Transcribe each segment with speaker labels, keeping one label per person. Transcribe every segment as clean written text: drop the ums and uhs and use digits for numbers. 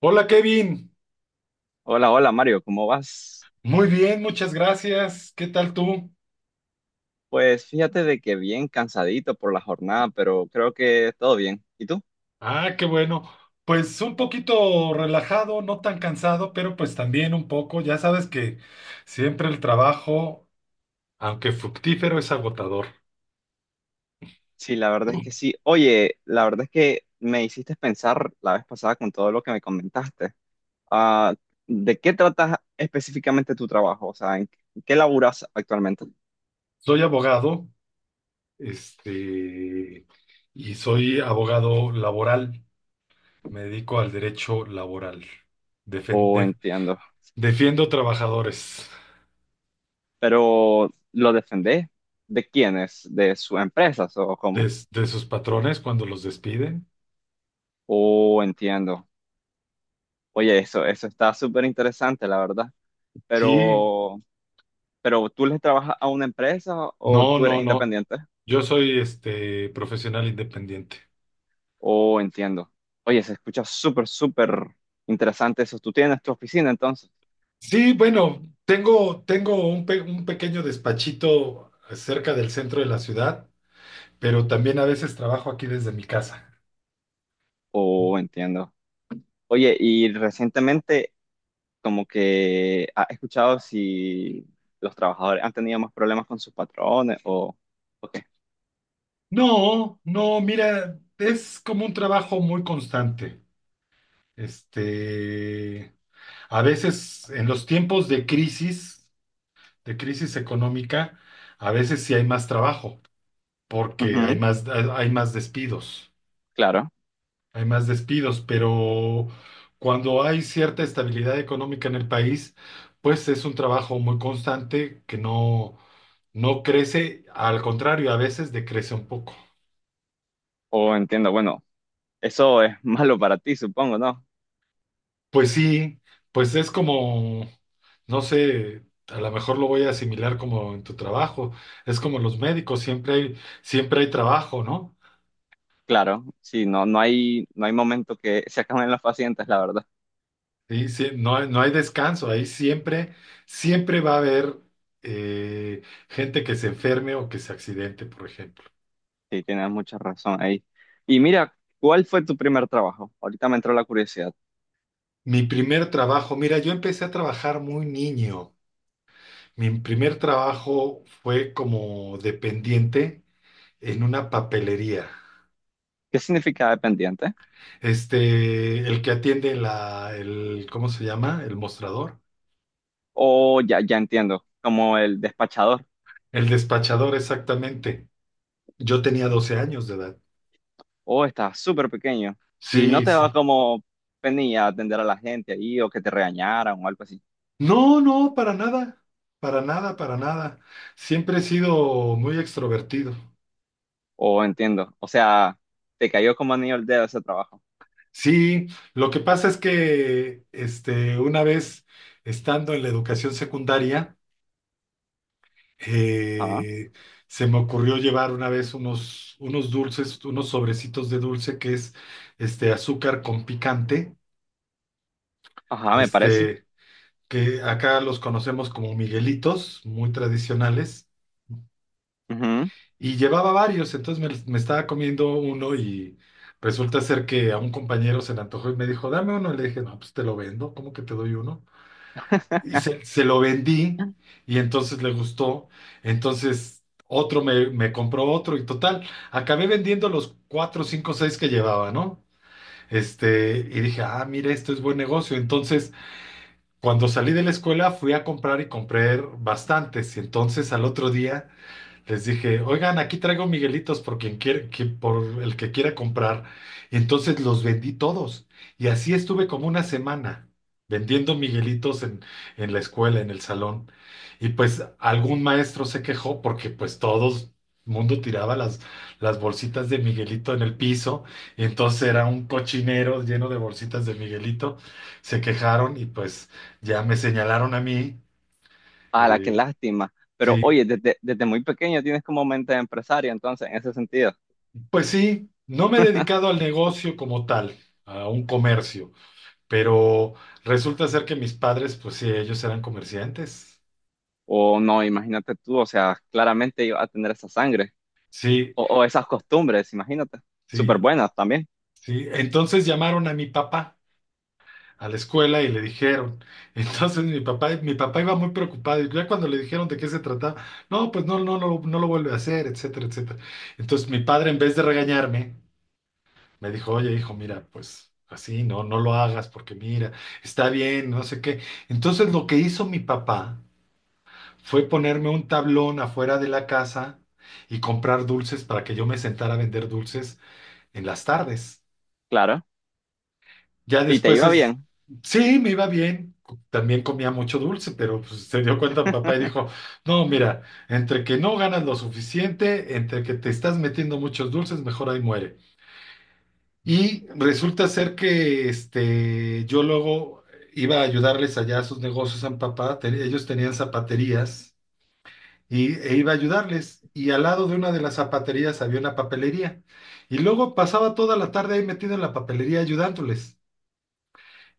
Speaker 1: Hola, Kevin.
Speaker 2: Hola, Mario, ¿cómo vas?
Speaker 1: Muy bien, muchas gracias. ¿Qué tal tú?
Speaker 2: Pues fíjate de que bien cansadito por la jornada, pero creo que todo bien. ¿Y tú?
Speaker 1: Ah, qué bueno. Pues un poquito relajado, no tan cansado, pero pues también un poco. Ya sabes que siempre el trabajo, aunque fructífero, es agotador.
Speaker 2: Sí, la verdad es que sí. Oye, la verdad es que me hiciste pensar la vez pasada con todo lo que me comentaste. Ah, ¿De qué tratas específicamente tu trabajo? O sea, ¿en qué laburas actualmente?
Speaker 1: Soy abogado, este, y soy abogado laboral. Me dedico al derecho laboral. Defen-
Speaker 2: Oh,
Speaker 1: de-
Speaker 2: entiendo.
Speaker 1: Defiendo trabajadores
Speaker 2: Pero ¿lo defendés? ¿De quiénes? ¿De sus empresas o
Speaker 1: de
Speaker 2: cómo?
Speaker 1: de sus patrones cuando los despiden.
Speaker 2: Oh, entiendo. Oye, eso está súper interesante, la verdad.
Speaker 1: Sí.
Speaker 2: Pero Pero tú le trabajas a una empresa o
Speaker 1: No,
Speaker 2: tú eres
Speaker 1: no, no.
Speaker 2: independiente.
Speaker 1: Yo soy profesional independiente.
Speaker 2: Oh, entiendo. Oye, se escucha súper interesante eso. ¿Tú tienes tu oficina entonces?
Speaker 1: Sí, bueno, tengo un pequeño despachito cerca del centro de la ciudad, pero también a veces trabajo aquí desde mi casa.
Speaker 2: Oh, entiendo. Oye, y recientemente como que has escuchado si los trabajadores han tenido más problemas con sus patrones o qué.
Speaker 1: No, no, mira, es como un trabajo muy constante. Este, a veces en los tiempos de crisis económica, a veces sí hay más trabajo, porque hay
Speaker 2: Ujú,
Speaker 1: más, hay más despidos.
Speaker 2: claro.
Speaker 1: Hay más despidos, pero cuando hay cierta estabilidad económica en el país, pues es un trabajo muy constante que no, no crece. Al contrario, a veces decrece un poco.
Speaker 2: Oh, entiendo. Bueno, eso es malo para ti, supongo, ¿no?
Speaker 1: Pues sí, pues es como, no sé, a lo mejor lo voy a asimilar como en tu trabajo. Es como los médicos, siempre hay trabajo, ¿no?
Speaker 2: Claro. Sí, no, no hay momento que se acaben los pacientes, la verdad.
Speaker 1: Y sí, no hay descanso. Ahí siempre va a haber eh, gente que se enferme o que se accidente, por ejemplo.
Speaker 2: Sí, tienes mucha razón ahí. Y mira, ¿cuál fue tu primer trabajo? Ahorita me entró la curiosidad.
Speaker 1: Mi primer trabajo, mira, yo empecé a trabajar muy niño. Mi primer trabajo fue como dependiente en una papelería.
Speaker 2: ¿Qué significa dependiente?
Speaker 1: El que atiende el, ¿cómo se llama? El mostrador.
Speaker 2: O ya, ya entiendo, como el despachador.
Speaker 1: El despachador, exactamente. Yo tenía 12 años de edad.
Speaker 2: Oh, estás súper pequeño. Y no
Speaker 1: Sí,
Speaker 2: te daba
Speaker 1: sí.
Speaker 2: como penilla atender a la gente ahí o que te regañaran o algo así.
Speaker 1: No, no, para nada. Para nada, para nada. Siempre he sido muy extrovertido.
Speaker 2: Oh, entiendo. O sea, te cayó como anillo al dedo ese trabajo.
Speaker 1: Sí, lo que pasa es que una vez estando en la educación secundaria,
Speaker 2: Ajá,
Speaker 1: eh, se me ocurrió llevar una vez unos dulces, unos sobrecitos de dulce que es azúcar con picante,
Speaker 2: ajá, me parece.
Speaker 1: este, que acá los conocemos como Miguelitos, muy tradicionales,
Speaker 2: Ujú.
Speaker 1: y llevaba varios. Entonces me estaba comiendo uno y resulta ser que a un compañero se le antojó y me dijo, "Dame uno", y le dije, "No, pues te lo vendo, ¿cómo que te doy uno?". Y se lo vendí y entonces le gustó. Entonces otro me compró otro y total, acabé vendiendo los cuatro, cinco, seis que llevaba, ¿no? Y dije, "Ah, mira, esto es buen negocio". Entonces, cuando salí de la escuela, fui a comprar y compré bastantes. Y entonces al otro día les dije, "Oigan, aquí traigo Miguelitos por quien quiere, por el que quiera comprar". Y entonces los vendí todos. Y así estuve como una semana vendiendo Miguelitos en la escuela, en el salón. Y pues algún maestro se quejó porque pues todos mundo tiraba las bolsitas de Miguelito en el piso. Y entonces era un cochinero lleno de bolsitas de Miguelito. Se quejaron y pues ya me señalaron a mí.
Speaker 2: Ah, la qué
Speaker 1: eh,
Speaker 2: lástima. Pero
Speaker 1: sí.
Speaker 2: oye, desde muy pequeño tienes como mente de empresario, entonces, en ese sentido.
Speaker 1: Pues sí, no me he dedicado al negocio como tal, a un comercio, pero resulta ser que mis padres, pues sí, ellos eran comerciantes.
Speaker 2: O no, imagínate tú, o sea, claramente iba a tener esa sangre
Speaker 1: Sí,
Speaker 2: o esas costumbres, imagínate. Súper
Speaker 1: sí,
Speaker 2: buenas también,
Speaker 1: sí. Entonces llamaron a mi papá a la escuela y le dijeron. Entonces mi papá iba muy preocupado y ya cuando le dijeron de qué se trataba, "No, pues no, no, no, no lo vuelve a hacer, etcétera, etcétera". Entonces mi padre, en vez de regañarme, me dijo, "Oye, hijo, mira, pues así, no, no lo hagas porque mira, está bien, no sé qué". Entonces lo que hizo mi papá fue ponerme un tablón afuera de la casa y comprar dulces para que yo me sentara a vender dulces en las tardes.
Speaker 2: claro.
Speaker 1: Ya
Speaker 2: Y te
Speaker 1: después
Speaker 2: iba bien.
Speaker 1: sí, me iba bien. También comía mucho dulce, pero pues se dio cuenta mi papá y dijo, "No, mira, entre que no ganas lo suficiente, entre que te estás metiendo muchos dulces, mejor ahí muere". Y resulta ser que yo luego iba a ayudarles allá a sus negocios a mi papá. Ellos tenían zapaterías e iba a ayudarles. Y al lado de una de las zapaterías había una papelería. Y luego pasaba toda la tarde ahí metido en la papelería ayudándoles.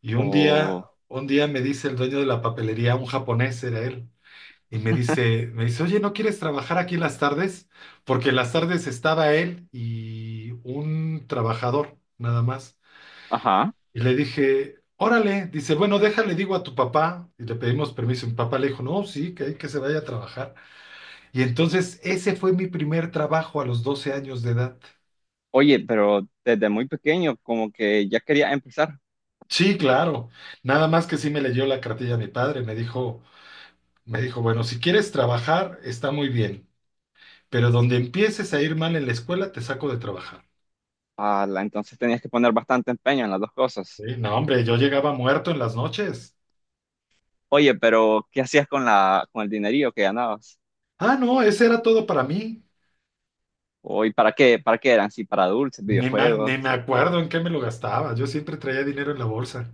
Speaker 1: Y un día,
Speaker 2: O,
Speaker 1: un día me dice el dueño de la papelería, un japonés era él, y me dice, "Oye, ¿no quieres trabajar aquí las tardes?". Porque las tardes estaba él y un trabajador, nada más.
Speaker 2: ajá.
Speaker 1: Y le dije, "Órale". Dice, "Bueno, déjale, digo a tu papá, y le pedimos permiso". Mi papá le dijo, "No, sí, que, hay que se vaya a trabajar". Y entonces ese fue mi primer trabajo a los 12 años de edad.
Speaker 2: Oye, pero desde muy pequeño como que ya quería empezar.
Speaker 1: Sí, claro. Nada más que sí me leyó la cartilla mi padre, me dijo, "Bueno, si quieres trabajar, está muy bien, pero donde empieces a ir mal en la escuela, te saco de trabajar".
Speaker 2: Ala, entonces tenías que poner bastante empeño en las dos cosas.
Speaker 1: Sí, no, hombre, yo llegaba muerto en las noches.
Speaker 2: Oye, pero ¿qué hacías con la, con el dinerillo que ganabas?
Speaker 1: Ah, no, ese era todo para mí.
Speaker 2: Oye, ¿para qué eran? Sí, para dulces,
Speaker 1: Ni me
Speaker 2: videojuegos.
Speaker 1: acuerdo en qué me lo gastaba. Yo siempre traía dinero en la bolsa.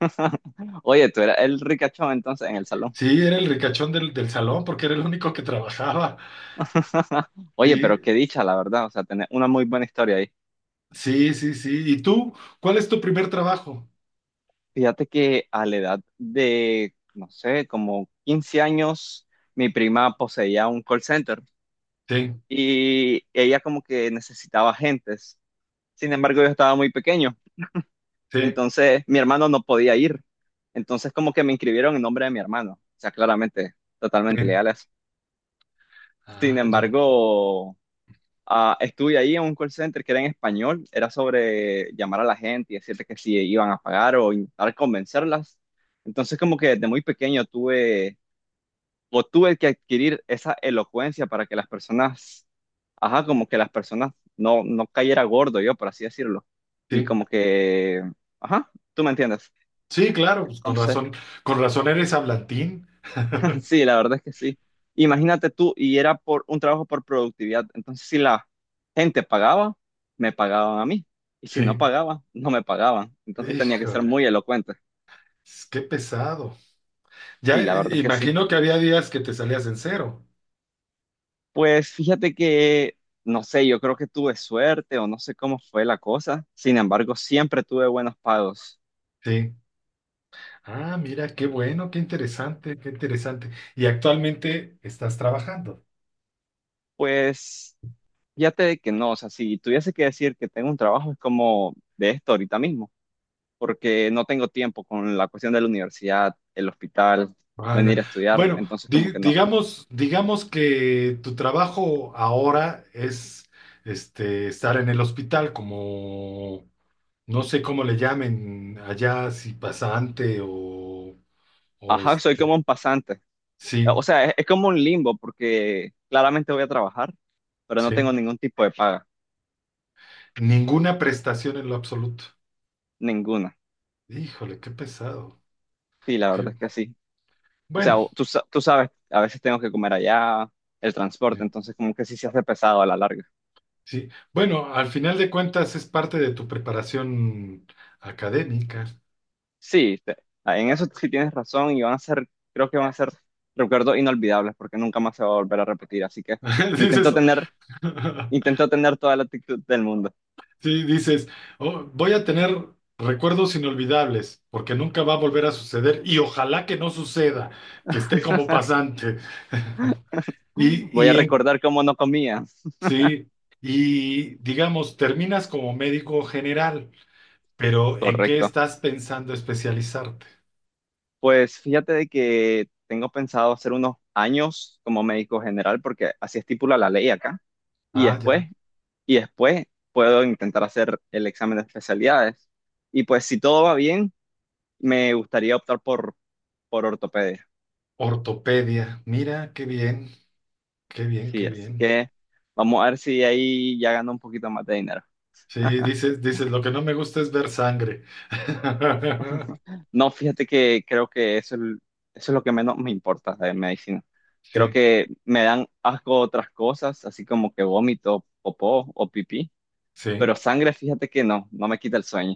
Speaker 2: Oye, tú eras el ricachón entonces en el salón.
Speaker 1: Sí, era el ricachón del salón porque era el único que trabajaba.
Speaker 2: Oye, pero
Speaker 1: Sí,
Speaker 2: qué dicha, la verdad, o sea, tener una muy buena historia ahí.
Speaker 1: sí, sí, sí. ¿Y tú? ¿Cuál es tu primer trabajo?
Speaker 2: Fíjate que a la edad de, no sé, como 15 años, mi prima poseía un call center
Speaker 1: Sí,
Speaker 2: y ella como que necesitaba agentes. Sin embargo, yo estaba muy pequeño,
Speaker 1: sí,
Speaker 2: entonces mi hermano no podía ir. Entonces como que me inscribieron en nombre de mi hermano, o sea, claramente, totalmente
Speaker 1: sí.
Speaker 2: ilegales. Sin
Speaker 1: Ah, ya.
Speaker 2: embargo, ah, estuve ahí en un call center que era en español, era sobre llamar a la gente y decirte que si iban a pagar o intentar convencerlas. Entonces, como que desde muy pequeño tuve o tuve que adquirir esa elocuencia para que las personas, ajá, como que las personas no cayera gordo yo, por así decirlo. Y
Speaker 1: Sí,
Speaker 2: como que, ajá, tú me entiendes.
Speaker 1: sí, claro, pues con
Speaker 2: Entonces,
Speaker 1: razón, con razón eres hablantín.
Speaker 2: sí, la verdad es que sí. Imagínate tú, y era por un trabajo por productividad. Entonces, si la gente pagaba, me pagaban a mí. Y si no
Speaker 1: Sí,
Speaker 2: pagaba, no me pagaban. Entonces tenía que ser
Speaker 1: híjole,
Speaker 2: muy elocuente.
Speaker 1: qué pesado. Ya,
Speaker 2: Sí, la verdad es que sí.
Speaker 1: imagino que había días que te salías en cero.
Speaker 2: Pues fíjate que, no sé, yo creo que tuve suerte o no sé cómo fue la cosa. Sin embargo, siempre tuve buenos pagos.
Speaker 1: Sí. Ah, mira, qué bueno, qué interesante, qué interesante. ¿Y actualmente estás trabajando?
Speaker 2: Pues fíjate que no, o sea, si tuviese que decir que tengo un trabajo, es como de esto ahorita mismo, porque no tengo tiempo con la cuestión de la universidad, el hospital, venir
Speaker 1: Vaya.
Speaker 2: a estudiar,
Speaker 1: Bueno,
Speaker 2: entonces como
Speaker 1: di-
Speaker 2: que no.
Speaker 1: digamos, digamos que tu trabajo ahora es estar en el hospital como no sé cómo le llamen allá, si pasante o, o
Speaker 2: Ajá, soy como
Speaker 1: este.
Speaker 2: un pasante.
Speaker 1: Sí,
Speaker 2: O sea, es como un limbo porque claramente voy a trabajar, pero no tengo
Speaker 1: sí.
Speaker 2: ningún tipo de paga,
Speaker 1: Ninguna prestación en lo absoluto.
Speaker 2: ninguna.
Speaker 1: Híjole, qué pesado.
Speaker 2: Sí, la
Speaker 1: Qué...
Speaker 2: verdad es que sí. O sea,
Speaker 1: Bueno,
Speaker 2: tú sabes, a veces tengo que comer allá, el transporte,
Speaker 1: sí.
Speaker 2: entonces como que sí se hace pesado a la larga.
Speaker 1: Sí. Bueno, al final de cuentas es parte de tu preparación académica.
Speaker 2: Sí, en eso sí tienes razón y van a creo que van a ser recuerdos inolvidables porque nunca más se va a volver a repetir, así que
Speaker 1: Dices
Speaker 2: intento
Speaker 1: eso.
Speaker 2: tener intento tener toda la actitud del mundo.
Speaker 1: Sí, dices, "Oh, voy a tener recuerdos inolvidables, porque nunca va a volver a suceder y ojalá que no suceda, que esté como pasante". Y,
Speaker 2: Voy a
Speaker 1: y
Speaker 2: recordar cómo no comía.
Speaker 1: sí, y digamos, terminas como médico general, pero ¿en qué
Speaker 2: Correcto.
Speaker 1: estás pensando especializarte?
Speaker 2: Pues fíjate de que tengo pensado hacer unos años como médico general porque así estipula la ley acá. Y
Speaker 1: Ah,
Speaker 2: después,
Speaker 1: ya,
Speaker 2: y después puedo intentar hacer el examen de especialidades. Y pues si todo va bien, me gustaría optar por ortopedia.
Speaker 1: ortopedia. Mira, qué bien, qué bien,
Speaker 2: Sí,
Speaker 1: qué
Speaker 2: así
Speaker 1: bien.
Speaker 2: que vamos a ver si ahí ya gano un poquito más de dinero.
Speaker 1: Sí, dices, lo que no me gusta es ver sangre.
Speaker 2: No, fíjate que creo que eso es lo que menos me importa de medicina. Creo
Speaker 1: Sí,
Speaker 2: que me dan asco otras cosas, así como que vómito, popó o pipí, pero
Speaker 1: sí.
Speaker 2: sangre, fíjate que no, no me quita el sueño.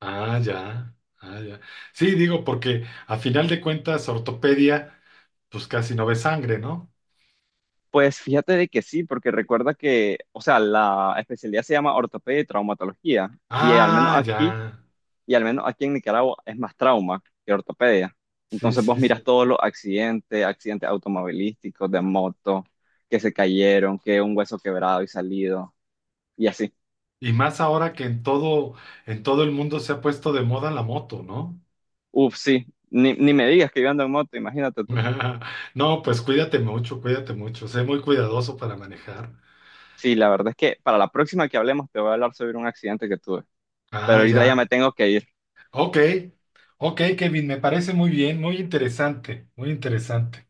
Speaker 1: Ah, ya, ah, ya. Sí, digo, porque a final de cuentas, ortopedia, pues casi no ve sangre, ¿no?
Speaker 2: Pues fíjate de que sí, porque recuerda que, o sea, la especialidad se llama ortopedia y traumatología, y al menos
Speaker 1: Ah,
Speaker 2: aquí,
Speaker 1: ya.
Speaker 2: y al menos aquí en Nicaragua es más trauma que ortopedia.
Speaker 1: Sí,
Speaker 2: Entonces vos
Speaker 1: sí,
Speaker 2: miras
Speaker 1: sí.
Speaker 2: todos los accidentes automovilísticos, de moto, que se cayeron, que un hueso quebrado y salido y así.
Speaker 1: Y más ahora que en todo el mundo se ha puesto de moda la moto, ¿no?
Speaker 2: Uf, sí, ni me digas que yo ando en moto, imagínate tú.
Speaker 1: No, pues cuídate mucho, cuídate mucho. Sé muy cuidadoso para manejar.
Speaker 2: Sí, la verdad es que para la próxima que hablemos te voy a hablar sobre un accidente que tuve, pero
Speaker 1: Ah,
Speaker 2: ahorita ya
Speaker 1: ya.
Speaker 2: me tengo que ir.
Speaker 1: Ok, ok, Kevin, me parece muy bien, muy interesante, muy interesante.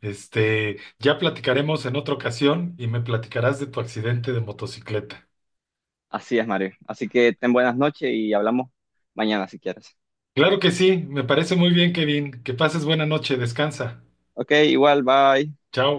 Speaker 1: Ya platicaremos en otra ocasión y me platicarás de tu accidente de motocicleta.
Speaker 2: Así es, Mario. Así que ten buenas noches y hablamos mañana si quieres.
Speaker 1: Claro que sí, me parece muy bien, Kevin. Que pases buena noche, descansa.
Speaker 2: Ok, igual, bye.
Speaker 1: Chao.